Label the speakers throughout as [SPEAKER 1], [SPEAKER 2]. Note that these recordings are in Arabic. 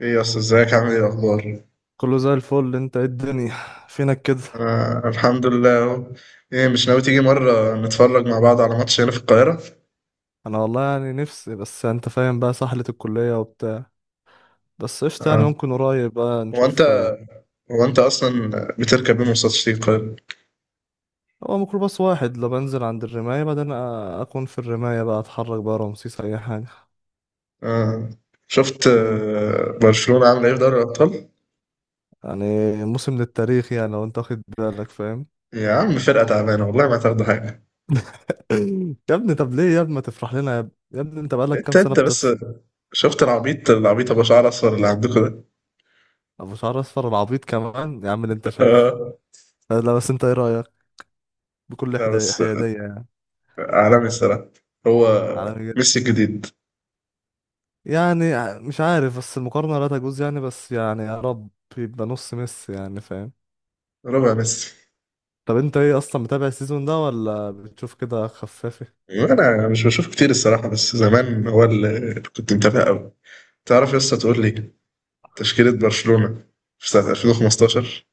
[SPEAKER 1] ايه يا اسطى، ازيك؟ عامل ايه الاخبار؟
[SPEAKER 2] كله زي الفل. انت ايه الدنيا؟ فينك كده؟
[SPEAKER 1] انا الحمد لله اهو. ايه، مش ناوي تيجي مره نتفرج مع بعض على ماتش هنا في القاهره؟
[SPEAKER 2] انا والله يعني نفسي، بس انت فاهم بقى سحلة الكلية وبتاع. بس قشطة، يعني
[SPEAKER 1] آه.
[SPEAKER 2] ممكن قريب بقى
[SPEAKER 1] هو
[SPEAKER 2] نشوف
[SPEAKER 1] انت هو انت اصلا بتركب ايه مواصلات تيجي القاهره؟
[SPEAKER 2] هو ميكروباص واحد، لو بنزل عند الرماية بعدين اكون في الرماية بقى اتحرك بقى رمسيس اي حاجة.
[SPEAKER 1] آه. شفت
[SPEAKER 2] مم.
[SPEAKER 1] برشلونه عامله ايه في دوري الابطال؟
[SPEAKER 2] يعني موسم للتاريخ يعني، لو انت واخد بالك فاهم.
[SPEAKER 1] يا عم فرقه تعبانه، والله ما تاخدوا حاجه.
[SPEAKER 2] يا ابني طب ليه يا ابني ما تفرح لنا؟ يا ابني يا ابني انت بقالك كام
[SPEAKER 1] انت
[SPEAKER 2] سنة
[SPEAKER 1] انت بس،
[SPEAKER 2] بتفرح؟
[SPEAKER 1] شفت العبيط ابو شعر اصفر اللي عندكم ده؟
[SPEAKER 2] ابو شعر اصفر العبيط كمان يا عم اللي انت شايفه.
[SPEAKER 1] آه.
[SPEAKER 2] لا بس انت ايه رأيك؟ بكل
[SPEAKER 1] لا بس
[SPEAKER 2] حيادية يعني.
[SPEAKER 1] عالمي الصراحه. هو
[SPEAKER 2] على،
[SPEAKER 1] ميسي الجديد؟
[SPEAKER 2] يعني مش عارف، بس المقارنة لا تجوز يعني، بس يعني يا رب يبقى نص ميسي يعني فاهم.
[SPEAKER 1] ربع ميسي.
[SPEAKER 2] طب انت ايه اصلا، متابع السيزون ده ولا بتشوف كده خفافي؟
[SPEAKER 1] انا مش بشوف كتير الصراحه، بس زمان هو اللي كنت متابع قوي. تعرف يا اسطى، تقول لي تشكيله برشلونه في سنه 2015؟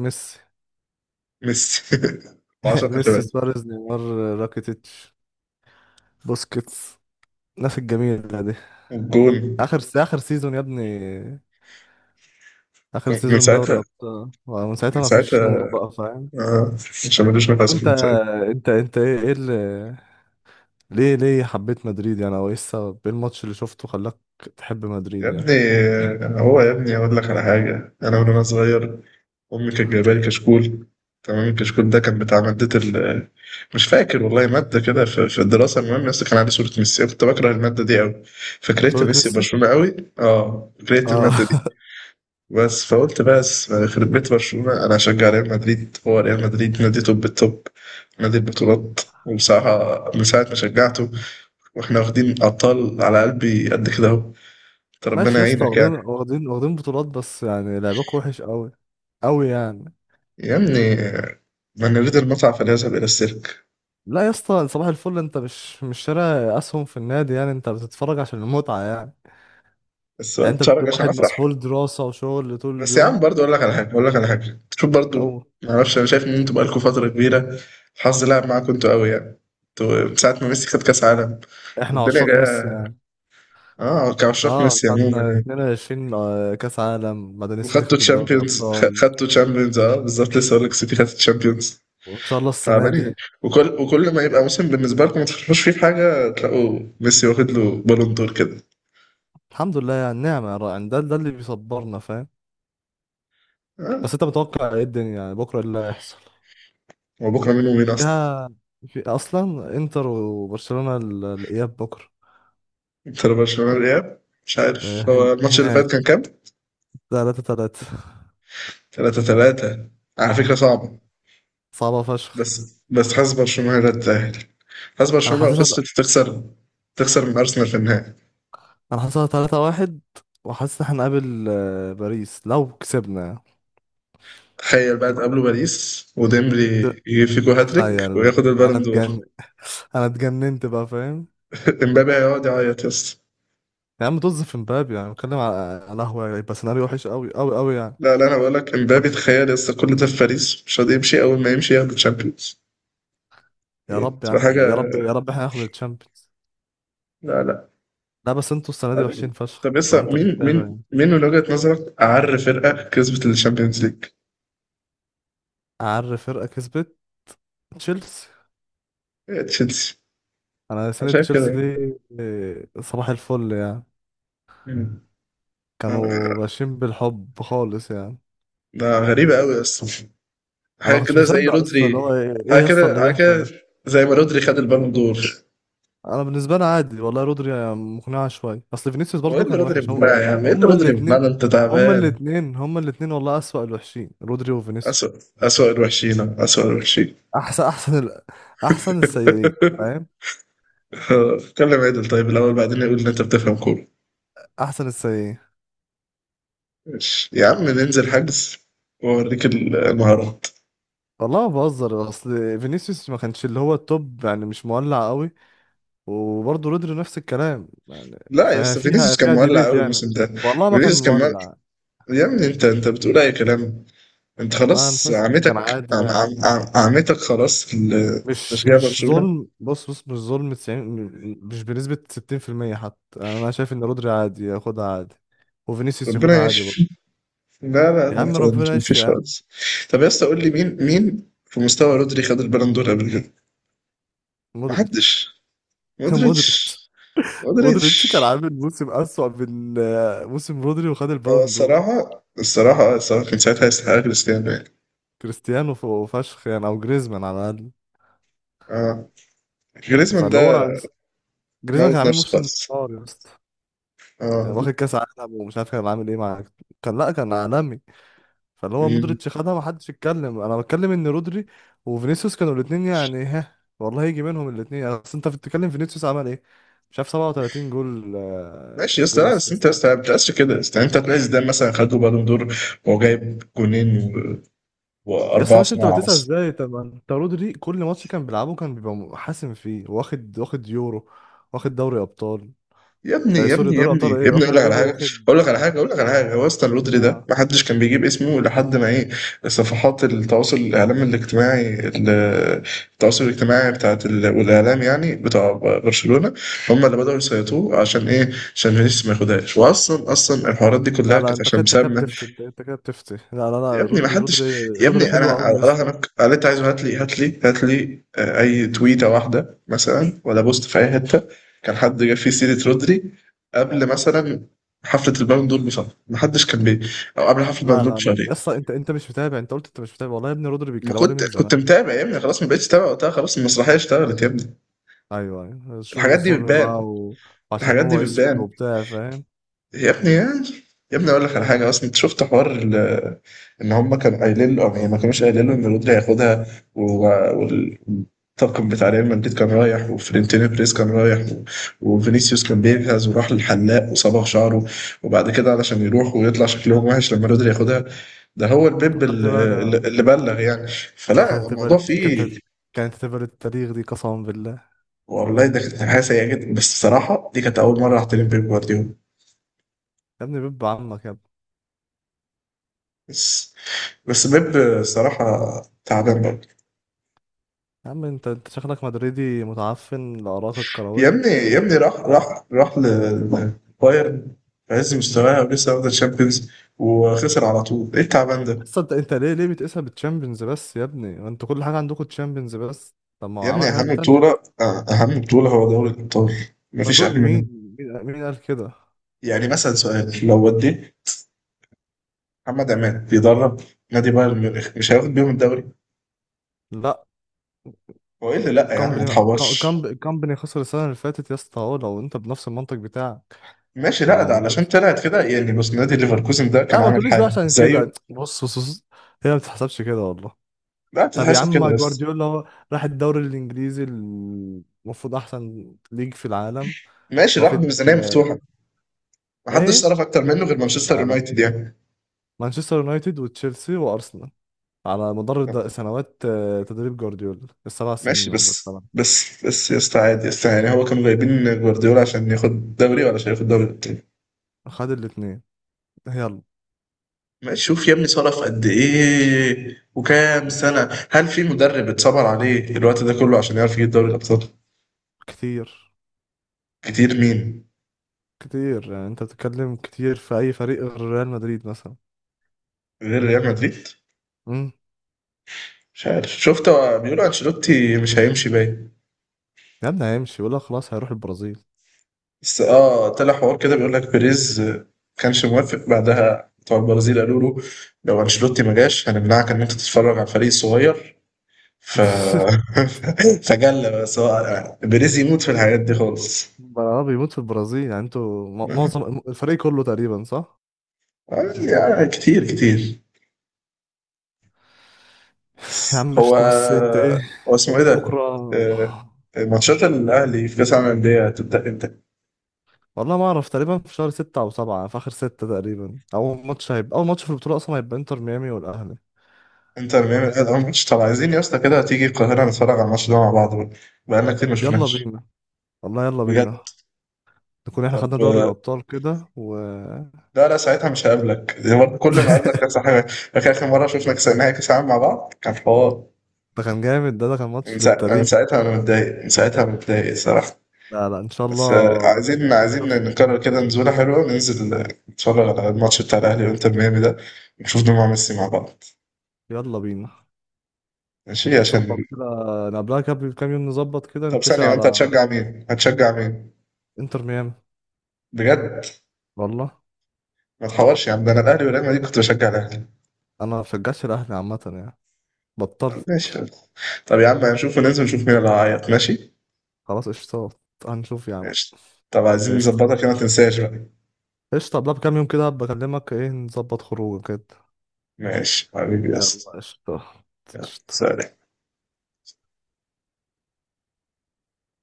[SPEAKER 2] ميسي.
[SPEAKER 1] ميسي. و10
[SPEAKER 2] ميسي،
[SPEAKER 1] خشبات.
[SPEAKER 2] سواريز، نيمار، راكيتيتش، بوسكيتس، الناس الجميلة دي.
[SPEAKER 1] والجون.
[SPEAKER 2] اخر سيزون يا ابني، اخر
[SPEAKER 1] من
[SPEAKER 2] سيزون دوري
[SPEAKER 1] ساعتها
[SPEAKER 2] ابطال، ومن
[SPEAKER 1] من
[SPEAKER 2] ساعتها ما فيش نور
[SPEAKER 1] ساعتها
[SPEAKER 2] بقى فاهم.
[SPEAKER 1] آه مش ملوش
[SPEAKER 2] طب
[SPEAKER 1] نفس
[SPEAKER 2] انت
[SPEAKER 1] من ساعتها.
[SPEAKER 2] انت انت ايه اللي، ليه حبيت مدريد يعني، او ايه السبب، ايه الماتش اللي شفته خلاك تحب
[SPEAKER 1] يا
[SPEAKER 2] مدريد يعني؟
[SPEAKER 1] ابني هو يا ابني اقول لك على حاجه، انا من وانا صغير أمي كانت جايبة لي كشكول. تمام، الكشكول ده كان بتاع مادة ال، مش فاكر والله مادة كده في الدراسة، المهم يا اسطى كان عليه صورة ميسي، أنا كنت باكره المادة دي أوي، فكرهت
[SPEAKER 2] صورة
[SPEAKER 1] ميسي
[SPEAKER 2] ميسي.
[SPEAKER 1] وبرشلونة أوي، آه كرهت
[SPEAKER 2] اه
[SPEAKER 1] المادة دي. بس فقلت بس يخرب بيت برشلونة، أنا هشجع ريال مدريد، هو ريال مدريد نادي توب التوب، نادي البطولات. وبصراحة من ساعة ما شجعته واحنا واخدين أبطال، على قلبي قد كده أهو، أنت ربنا
[SPEAKER 2] ماشي يا اسطى،
[SPEAKER 1] يعينك يعني.
[SPEAKER 2] واخدين واخدين واخدين بطولات، بس يعني لعبك وحش قوي قوي يعني.
[SPEAKER 1] يا ابني، من يريد المتعة فليذهب إلى السيرك.
[SPEAKER 2] لا يا اسطى صباح الفل، انت مش شاري اسهم في النادي يعني، انت بتتفرج عشان المتعه يعني.
[SPEAKER 1] بس
[SPEAKER 2] يعني انت
[SPEAKER 1] شعرك
[SPEAKER 2] بتبقى
[SPEAKER 1] عشان
[SPEAKER 2] واحد
[SPEAKER 1] أفرح.
[SPEAKER 2] مسحول دراسه وشغل طول
[SPEAKER 1] بس يا عم
[SPEAKER 2] اليوم.
[SPEAKER 1] برضه اقول لك على حاجه شوف
[SPEAKER 2] او
[SPEAKER 1] برضه، ما اعرفش، انا شايف ان انتوا بقالكم فتره كبيره الحظ لعب معاكم انتوا قوي يعني. انتوا من ساعه ما ميسي خد كاس عالم
[SPEAKER 2] احنا
[SPEAKER 1] الدنيا
[SPEAKER 2] عشاق ميسي
[SPEAKER 1] جايه.
[SPEAKER 2] يعني.
[SPEAKER 1] اه كعشاق
[SPEAKER 2] اه
[SPEAKER 1] ميسي عموما
[SPEAKER 2] خدنا
[SPEAKER 1] يعني.
[SPEAKER 2] 22 كاس عالم، بعدين السيتي
[SPEAKER 1] وخدتوا
[SPEAKER 2] خدت الدوري
[SPEAKER 1] تشامبيونز
[SPEAKER 2] ابطال،
[SPEAKER 1] خدتوا تشامبيونز اه بالظبط، لسه هقول لك السيتي خدت تشامبيونز.
[SPEAKER 2] وان شاء الله السنه دي.
[SPEAKER 1] تعبانين، وكل ما يبقى موسم بالنسبه لكم ما تفكروش فيه في حاجه تلاقوا ميسي واخد له بالون دور كده.
[SPEAKER 2] الحمد لله يعني نعمه يعني، ده اللي بيصبرنا فاهم. بس
[SPEAKER 1] اه.
[SPEAKER 2] انت متوقع ايه الدنيا يعني، بكره ايه اللي هيحصل
[SPEAKER 1] هو بكره مين ومين اصلا؟
[SPEAKER 2] فيها؟ في اصلا انتر وبرشلونة الاياب بكره.
[SPEAKER 1] انت برشلونه الاياب. مش عارف، هو الماتش اللي فات
[SPEAKER 2] هناك
[SPEAKER 1] كان كام؟
[SPEAKER 2] 3-3.
[SPEAKER 1] 3-3. على فكرة صعبة.
[SPEAKER 2] صعبة فشخ.
[SPEAKER 1] بس حاسس برشلونة لا تتأهل. حاسس
[SPEAKER 2] انا
[SPEAKER 1] برشلونة لو
[SPEAKER 2] حاسسها
[SPEAKER 1] خسرت تخسر، تخسر من أرسنال في النهائي.
[SPEAKER 2] انا حاسسها 3-1. وحاسس ان احنا هنقابل باريس لو كسبنا.
[SPEAKER 1] تخيل بقى تقابله باريس وديمبلي
[SPEAKER 2] ده-
[SPEAKER 1] يجيب فيكو هاتريك
[SPEAKER 2] تخيل بقى.
[SPEAKER 1] وياخد
[SPEAKER 2] انا
[SPEAKER 1] البالون دور.
[SPEAKER 2] اتجن، انا اتجننت بقى فاهم.
[SPEAKER 1] امبابي هيقعد يعيط يا اسطى.
[SPEAKER 2] يا عم طز في مبابي، يعني بتكلم على، على قهوة يبقى سيناريو وحش قوي قوي قوي يعني.
[SPEAKER 1] لا لا، انا بقول لك، امبابي تخيل يا اسطى كل ده في باريس مش راضي يمشي، اول ما يمشي ياخد الشامبيونز
[SPEAKER 2] يا رب يا
[SPEAKER 1] تبقى
[SPEAKER 2] عم، يا
[SPEAKER 1] حاجه.
[SPEAKER 2] رب يا رب احنا ناخد الشامبيونز.
[SPEAKER 1] لا لا،
[SPEAKER 2] لا بس انتوا السنة دي
[SPEAKER 1] عادي.
[SPEAKER 2] وحشين فشخ
[SPEAKER 1] طب
[SPEAKER 2] لو
[SPEAKER 1] لسه،
[SPEAKER 2] انت
[SPEAKER 1] مين
[SPEAKER 2] بتتابع
[SPEAKER 1] مين
[SPEAKER 2] يعني.
[SPEAKER 1] مين من وجهة نظرك أعر فرقة كسبت الشامبيونز ليج؟
[SPEAKER 2] اعر فرقة كسبت؟ تشيلسي.
[SPEAKER 1] هي تشيلسي.
[SPEAKER 2] انا
[SPEAKER 1] أنا
[SPEAKER 2] سنة
[SPEAKER 1] شايف كده
[SPEAKER 2] تشيلسي
[SPEAKER 1] يعني.
[SPEAKER 2] دي صباح الفل يعني،
[SPEAKER 1] مم. آه،
[SPEAKER 2] كانوا ماشيين بالحب خالص يعني.
[SPEAKER 1] ده غريبة أوي أصلا.
[SPEAKER 2] انا
[SPEAKER 1] حاجة
[SPEAKER 2] ما كنتش
[SPEAKER 1] كده زي
[SPEAKER 2] مصدق اصلا، اللي
[SPEAKER 1] رودري.
[SPEAKER 2] هو ايه، إيه
[SPEAKER 1] حاجة
[SPEAKER 2] يا اسطى
[SPEAKER 1] كده
[SPEAKER 2] اللي
[SPEAKER 1] حاجة كده
[SPEAKER 2] بيحصل.
[SPEAKER 1] زي ما رودري خد البالون دور.
[SPEAKER 2] انا بالنسبه لي عادي والله، رودري مقنعه شويه، اصل فينيسيوس
[SPEAKER 1] هو ايه
[SPEAKER 2] برضو
[SPEAKER 1] اللي
[SPEAKER 2] كان
[SPEAKER 1] رودري
[SPEAKER 2] وحش هم.
[SPEAKER 1] بمعنى يا عم، ايه اللي
[SPEAKER 2] هما
[SPEAKER 1] رودري
[SPEAKER 2] الاثنين
[SPEAKER 1] بمعنى انت
[SPEAKER 2] هما
[SPEAKER 1] تعبان؟
[SPEAKER 2] الاثنين هما الاثنين والله، اسوأ الوحشين رودري
[SPEAKER 1] أسوأ
[SPEAKER 2] وفينيسيوس.
[SPEAKER 1] أسوأ الوحشين أسوأ الوحشين
[SPEAKER 2] احسن ال، احسن السيئين فاهم.
[SPEAKER 1] كلم عدل طيب الأول، بعدين يقول إن أنت بتفهم كورة.
[SPEAKER 2] احسن السيئين.
[SPEAKER 1] ماشي. يا عم ننزل حجز وأوريك المهارات.
[SPEAKER 2] والله ما بهزر، اصل فينيسيوس ما كانش اللي هو التوب يعني، مش مولع قوي، وبرضه رودري نفس الكلام يعني،
[SPEAKER 1] لا يا اسطى،
[SPEAKER 2] ففيها
[SPEAKER 1] فينيسيوس كان
[SPEAKER 2] فيها
[SPEAKER 1] مولع
[SPEAKER 2] ديبيت
[SPEAKER 1] قوي
[SPEAKER 2] يعني،
[SPEAKER 1] الموسم ده.
[SPEAKER 2] والله ما كان
[SPEAKER 1] فينيسيوس كان مولع.
[SPEAKER 2] مولع.
[SPEAKER 1] يا ابني، انت بتقول اي كلام. انت
[SPEAKER 2] والله انا
[SPEAKER 1] خلاص
[SPEAKER 2] شايفكم كان
[SPEAKER 1] عمتك،
[SPEAKER 2] عادي
[SPEAKER 1] عم
[SPEAKER 2] يعني،
[SPEAKER 1] عم عم عمتك خلاص في
[SPEAKER 2] مش
[SPEAKER 1] تشجيع
[SPEAKER 2] مش
[SPEAKER 1] برشلونة.
[SPEAKER 2] ظلم، بص بص مش ظلم 90، مش بنسبة 60% حتى يعني. انا شايف ان رودري عادي ياخدها عادي، وفينيسيوس ياخدها
[SPEAKER 1] ربنا
[SPEAKER 2] عادي برضه.
[SPEAKER 1] يشفي. لا لا
[SPEAKER 2] يا
[SPEAKER 1] لا،
[SPEAKER 2] عم ربنا يشفي
[SPEAKER 1] مفيش
[SPEAKER 2] يا عم.
[SPEAKER 1] خالص. طب يا اسطى قول لي، مين في مستوى رودري خد البالون دور قبل كده؟
[SPEAKER 2] مودريتش.
[SPEAKER 1] محدش. مودريتش.
[SPEAKER 2] مودريتش. مودريتش كان
[SPEAKER 1] مودريتش.
[SPEAKER 2] عامل موسم أسوأ من موسم رودري وخد
[SPEAKER 1] هو
[SPEAKER 2] البالون دور.
[SPEAKER 1] الصراحة كان ساعتها يستحق كريستيانو يعني.
[SPEAKER 2] كريستيانو وفشخ يعني، او جريزمان على الاقل.
[SPEAKER 1] اه، جريزمان
[SPEAKER 2] فاللي
[SPEAKER 1] ده
[SPEAKER 2] هو جريزمان
[SPEAKER 1] موت
[SPEAKER 2] كان عامل
[SPEAKER 1] نفسه
[SPEAKER 2] موسم
[SPEAKER 1] خالص.
[SPEAKER 2] نار يا اسطى. كان
[SPEAKER 1] اه.
[SPEAKER 2] واخد كاس عالم، ومش عارف كان عامل ايه مع، كان لا كان عالمي. فاللي هو
[SPEAKER 1] مم.
[SPEAKER 2] مودريتش خدها، ما حدش يتكلم، انا بتكلم ان رودري وفينيسيوس كانوا الاثنين يعني، ها والله يجي منهم الاثنين. اصل انت بتتكلم فينيسيوس عمل ايه، مش عارف 37 جول
[SPEAKER 1] ماشي يا اسطى،
[SPEAKER 2] جول
[SPEAKER 1] لا بس انت
[SPEAKER 2] اسيست.
[SPEAKER 1] يا اسطى ما بتقاسش كده، يا اسطى انت تلاقي زيدان مثلا خد له بالون دور وهو جايب
[SPEAKER 2] يا اسطى
[SPEAKER 1] واربعه
[SPEAKER 2] ماشي، انت
[SPEAKER 1] صناعه
[SPEAKER 2] بتسأل
[SPEAKER 1] مثلا.
[SPEAKER 2] ازاي؟ طب ما انت رودري كل ماتش كان بيلعبه كان بيبقى حاسم فيه، واخد يورو، واخد دوري ابطال.
[SPEAKER 1] يا ابني يا
[SPEAKER 2] سوري
[SPEAKER 1] ابني يا
[SPEAKER 2] دوري
[SPEAKER 1] ابني
[SPEAKER 2] ابطال،
[SPEAKER 1] يا
[SPEAKER 2] ايه
[SPEAKER 1] ابني اقول
[SPEAKER 2] واخد
[SPEAKER 1] لك على
[SPEAKER 2] يورو
[SPEAKER 1] حاجه
[SPEAKER 2] واخد
[SPEAKER 1] اقول لك على حاجه اقول لك على حاجه، هو اصلا اللودري ده
[SPEAKER 2] اه.
[SPEAKER 1] ما حدش كان بيجيب اسمه لحد ما ايه، صفحات التواصل الاعلام الاجتماعي التواصل الاجتماعي والاعلام يعني بتاع برشلونه، هم اللي بداوا يسيطروا. عشان ايه؟ عشان فينيسيوس ما ياخدهاش، واصلا الحوارات دي كلها
[SPEAKER 2] لا لا،
[SPEAKER 1] كانت
[SPEAKER 2] انت كده
[SPEAKER 1] عشان
[SPEAKER 2] انت كده
[SPEAKER 1] بسبب،
[SPEAKER 2] بتفتي، انت كده بتفتي، لا. لا
[SPEAKER 1] يا
[SPEAKER 2] لا،
[SPEAKER 1] ابني ما
[SPEAKER 2] رودري
[SPEAKER 1] حدش،
[SPEAKER 2] رودري
[SPEAKER 1] يا
[SPEAKER 2] رودري
[SPEAKER 1] ابني
[SPEAKER 2] حلو
[SPEAKER 1] انا
[SPEAKER 2] قوي يا اسطى.
[SPEAKER 1] اراهنك قال، انت عايز هات لي اي تويته واحده مثلا ولا بوست في اي حته كان حد جاب فيه سيره رودري قبل مثلا حفله البالون دور بشهر؟ ما حدش كان بي، او قبل حفله البالون
[SPEAKER 2] لا
[SPEAKER 1] دور
[SPEAKER 2] لا لا يا
[SPEAKER 1] بشهرين.
[SPEAKER 2] اسطى، انت مش متابع، انت قلت انت مش متابع، والله يا ابني رودري
[SPEAKER 1] ما
[SPEAKER 2] بيتكلموا عليه
[SPEAKER 1] كنت
[SPEAKER 2] من
[SPEAKER 1] كنت
[SPEAKER 2] زمان.
[SPEAKER 1] متابع يا ابني، خلاص ما بقتش تابع وقتها، خلاص المسرحيه اشتغلت يا ابني.
[SPEAKER 2] ايوه ايوه الشغل
[SPEAKER 1] الحاجات دي
[SPEAKER 2] الظلم بقى
[SPEAKER 1] بتبان.
[SPEAKER 2] و، وعشان
[SPEAKER 1] الحاجات دي
[SPEAKER 2] هو اسود
[SPEAKER 1] بتبان
[SPEAKER 2] وبتاع فاهم.
[SPEAKER 1] يا ابني يعني. يا ابني اقول لك على حاجه، اصلا انت شفت حوار ان هم كانوا قايلين له يعني ما كانوش قايلين له ان رودري هياخدها، و- والطاقم بتاع ريال مدريد كان رايح وفلورنتينو بريز كان رايح وفينيسيوس كان بيجهز وراح للحلاق وصبغ شعره، وبعد كده علشان يروح ويطلع شكلهم وحش لما رودري ياخدها. ده هو البيب
[SPEAKER 2] خدت بقى
[SPEAKER 1] اللي,
[SPEAKER 2] لا.
[SPEAKER 1] اللي بلغ يعني.
[SPEAKER 2] ده
[SPEAKER 1] فلا، الموضوع فيه،
[SPEAKER 2] كانت هتبقى للتاريخ دي قسما بالله.
[SPEAKER 1] والله ده كانت حاجه سيئه جدا، بس الصراحه دي كانت اول مره احترم بيب جوارديولا.
[SPEAKER 2] يا ابني بيب عمك يا ابني.
[SPEAKER 1] بس بس بيب صراحه تعبان برضه.
[SPEAKER 2] يا عم انت شكلك مدريدي متعفن لآرائك
[SPEAKER 1] يا
[SPEAKER 2] الكروية.
[SPEAKER 1] ابني يا ابني راح لبايرن في عز مستواها ولسه واخده الشامبيونز وخسر على طول، ايه التعبان ده؟
[SPEAKER 2] بس انت ليه بتقيسها بالتشامبيونز بس يا ابني، ما انتوا كل حاجة عندكم تشامبيونز بس، طب ما هو
[SPEAKER 1] يا ابني
[SPEAKER 2] عمل
[SPEAKER 1] اهم
[SPEAKER 2] حاجات.
[SPEAKER 1] بطوله، اهم بطوله هو دوري الابطال،
[SPEAKER 2] ما
[SPEAKER 1] مفيش
[SPEAKER 2] تقول
[SPEAKER 1] اهم منه.
[SPEAKER 2] مين، مين قال كده؟
[SPEAKER 1] يعني مثلا سؤال، لو وديت محمد عماد بيدرب نادي بايرن ميونخ مش هياخد بيهم الدوري؟
[SPEAKER 2] لا،
[SPEAKER 1] هو ايه اللي لا يا عم؟ ما تحورش.
[SPEAKER 2] كامباني. كامباني خسر السنه اللي فاتت يا اسطى اهو لو انت بنفس المنطق بتاعك.
[SPEAKER 1] ماشي،
[SPEAKER 2] طب
[SPEAKER 1] لا
[SPEAKER 2] ما
[SPEAKER 1] ده
[SPEAKER 2] ما
[SPEAKER 1] علشان
[SPEAKER 2] خسر؟
[SPEAKER 1] طلعت كده يعني، بص نادي ليفركوزن ده
[SPEAKER 2] لا
[SPEAKER 1] كان
[SPEAKER 2] ما
[SPEAKER 1] عامل
[SPEAKER 2] تقوليش بقى
[SPEAKER 1] حاله
[SPEAKER 2] عشان
[SPEAKER 1] زيه.
[SPEAKER 2] كده. بص بص بص هي ما بتتحسبش كده والله.
[SPEAKER 1] لا
[SPEAKER 2] طب يا
[SPEAKER 1] تتحسب كده
[SPEAKER 2] عم
[SPEAKER 1] بس.
[SPEAKER 2] جوارديولا هو راح الدوري الانجليزي، المفروض احسن ليج في العالم،
[SPEAKER 1] ماشي، راح
[SPEAKER 2] واخد
[SPEAKER 1] بميزانيه مفتوحه، محدش
[SPEAKER 2] ايه؟
[SPEAKER 1] صرف اكتر منه غير مانشستر
[SPEAKER 2] لا لا،
[SPEAKER 1] يونايتد يعني.
[SPEAKER 2] مانشستر يونايتد وتشيلسي وارسنال على مدار سنوات تدريب جوارديولا السبع سنين
[SPEAKER 1] ماشي،
[SPEAKER 2] ولا
[SPEAKER 1] بس
[SPEAKER 2] الثمان.
[SPEAKER 1] بس بس يا اسطى، عادي يا اسطى يعني، هو كانوا جايبين جوارديولا عشان ياخد دوري ولا عشان ياخد دوري التاني؟
[SPEAKER 2] خد الاثنين، يلا.
[SPEAKER 1] ما شوف يا ابني صرف قد ايه وكام سنة، هل في مدرب اتصبر عليه الوقت ده كله عشان يعرف يجيب دوري الابطال؟
[SPEAKER 2] كتير.
[SPEAKER 1] كتير مين؟
[SPEAKER 2] كتير يعني، انت بتتكلم كتير في اي فريق غير ريال مدريد مثلا؟
[SPEAKER 1] غير ريال مدريد؟
[SPEAKER 2] امم.
[SPEAKER 1] شفت، هو بيقولوا انشيلوتي مش هيمشي باين.
[SPEAKER 2] يا ابني هيمشي ولا خلاص هيروح البرازيل.
[SPEAKER 1] بس اه طلع حوار كده بيقول لك بيريز كانش موافق، بعدها بتوع البرازيل قالوا له لو انشيلوتي ما جاش هنمنعك ان انت تتفرج على الفريق الصغير، ف فجلة. بس هو بيريز يموت في الحاجات دي خالص.
[SPEAKER 2] اه بيموت في البرازيل يعني، انتوا معظم الفريق كله تقريبا صح.
[SPEAKER 1] آه، يعني كتير كتير.
[SPEAKER 2] يا عم مش
[SPEAKER 1] هو،
[SPEAKER 2] بس انت ايه.
[SPEAKER 1] هو اسمه ايه ده؟
[SPEAKER 2] بكره.
[SPEAKER 1] آه، ماتشات الاهلي في كاس العالم للانديه تبدا امتى؟
[SPEAKER 2] والله ما اعرف، تقريبا في شهر ستة او سبعة، في اخر ستة تقريبا، اول ماتش في البطولة اصلا هيبقى انتر ميامي والاهلي.
[SPEAKER 1] انتر ميامي الاهلي اول ماتش، طب عايزين يا اسطى كده تيجي القاهره نتفرج على الماتش ده مع بعض بقى، بقالنا كتير ما
[SPEAKER 2] يلا
[SPEAKER 1] شفناش.
[SPEAKER 2] بينا، والله يلا
[SPEAKER 1] بجد.
[SPEAKER 2] بينا، نكون احنا
[SPEAKER 1] طب
[SPEAKER 2] خدنا دوري الابطال كده و.
[SPEAKER 1] لا لا، ساعتها مش هقابلك دي برضه، كل ما اقابلك نفس الحاجه، فاكر اخر مره شفنا كاس نهائي كاس العالم مع بعض كان حوار؟
[SPEAKER 2] ده كان جامد، ده كان ماتش
[SPEAKER 1] من
[SPEAKER 2] للتاريخ.
[SPEAKER 1] ساعتها انا متضايق، من ساعتها أنا متضايق الصراحه.
[SPEAKER 2] لا لا ان شاء
[SPEAKER 1] بس
[SPEAKER 2] الله
[SPEAKER 1] عايزين
[SPEAKER 2] نشوف.
[SPEAKER 1] نكرر كده نزولة حلوة وننزل نتفرج على الماتش بتاع الأهلي وإنتر ميامي ده، نشوف دموع ميسي مع بعض.
[SPEAKER 2] يلا بينا
[SPEAKER 1] ماشي
[SPEAKER 2] نظبط
[SPEAKER 1] عشان.
[SPEAKER 2] كده، نقابلها قبل بكام يوم نظبط كده،
[SPEAKER 1] طب
[SPEAKER 2] نتفق
[SPEAKER 1] ثانية، وأنت
[SPEAKER 2] على.
[SPEAKER 1] هتشجع مين؟ هتشجع مين؟
[SPEAKER 2] انتر ميامي
[SPEAKER 1] بجد؟
[SPEAKER 2] والله.
[SPEAKER 1] ما تحورش يا عم، ده أنا الأهلي وريال مدريد كنت بشجع الأهلي.
[SPEAKER 2] انا ما بشجعش الاهلي عامه يعني،
[SPEAKER 1] طب
[SPEAKER 2] بطلت.
[SPEAKER 1] ماشي. طب يا عم هنشوف، وننزل نشوف مين اللي هيعيط ماشي؟
[SPEAKER 2] خلاص قشطة، هنشوف يا عم.
[SPEAKER 1] ماشي. طب عايزين
[SPEAKER 2] قشطة،
[SPEAKER 1] نظبطها كده، ما تنساش بقى.
[SPEAKER 2] قشطة قبلها بكام يوم كده هبقى اكلمك، ايه نظبط خروج كده.
[SPEAKER 1] ماشي حبيبي يا
[SPEAKER 2] يلا
[SPEAKER 1] اسطى.
[SPEAKER 2] قشطة.
[SPEAKER 1] يلا
[SPEAKER 2] قشطة.
[SPEAKER 1] سلام.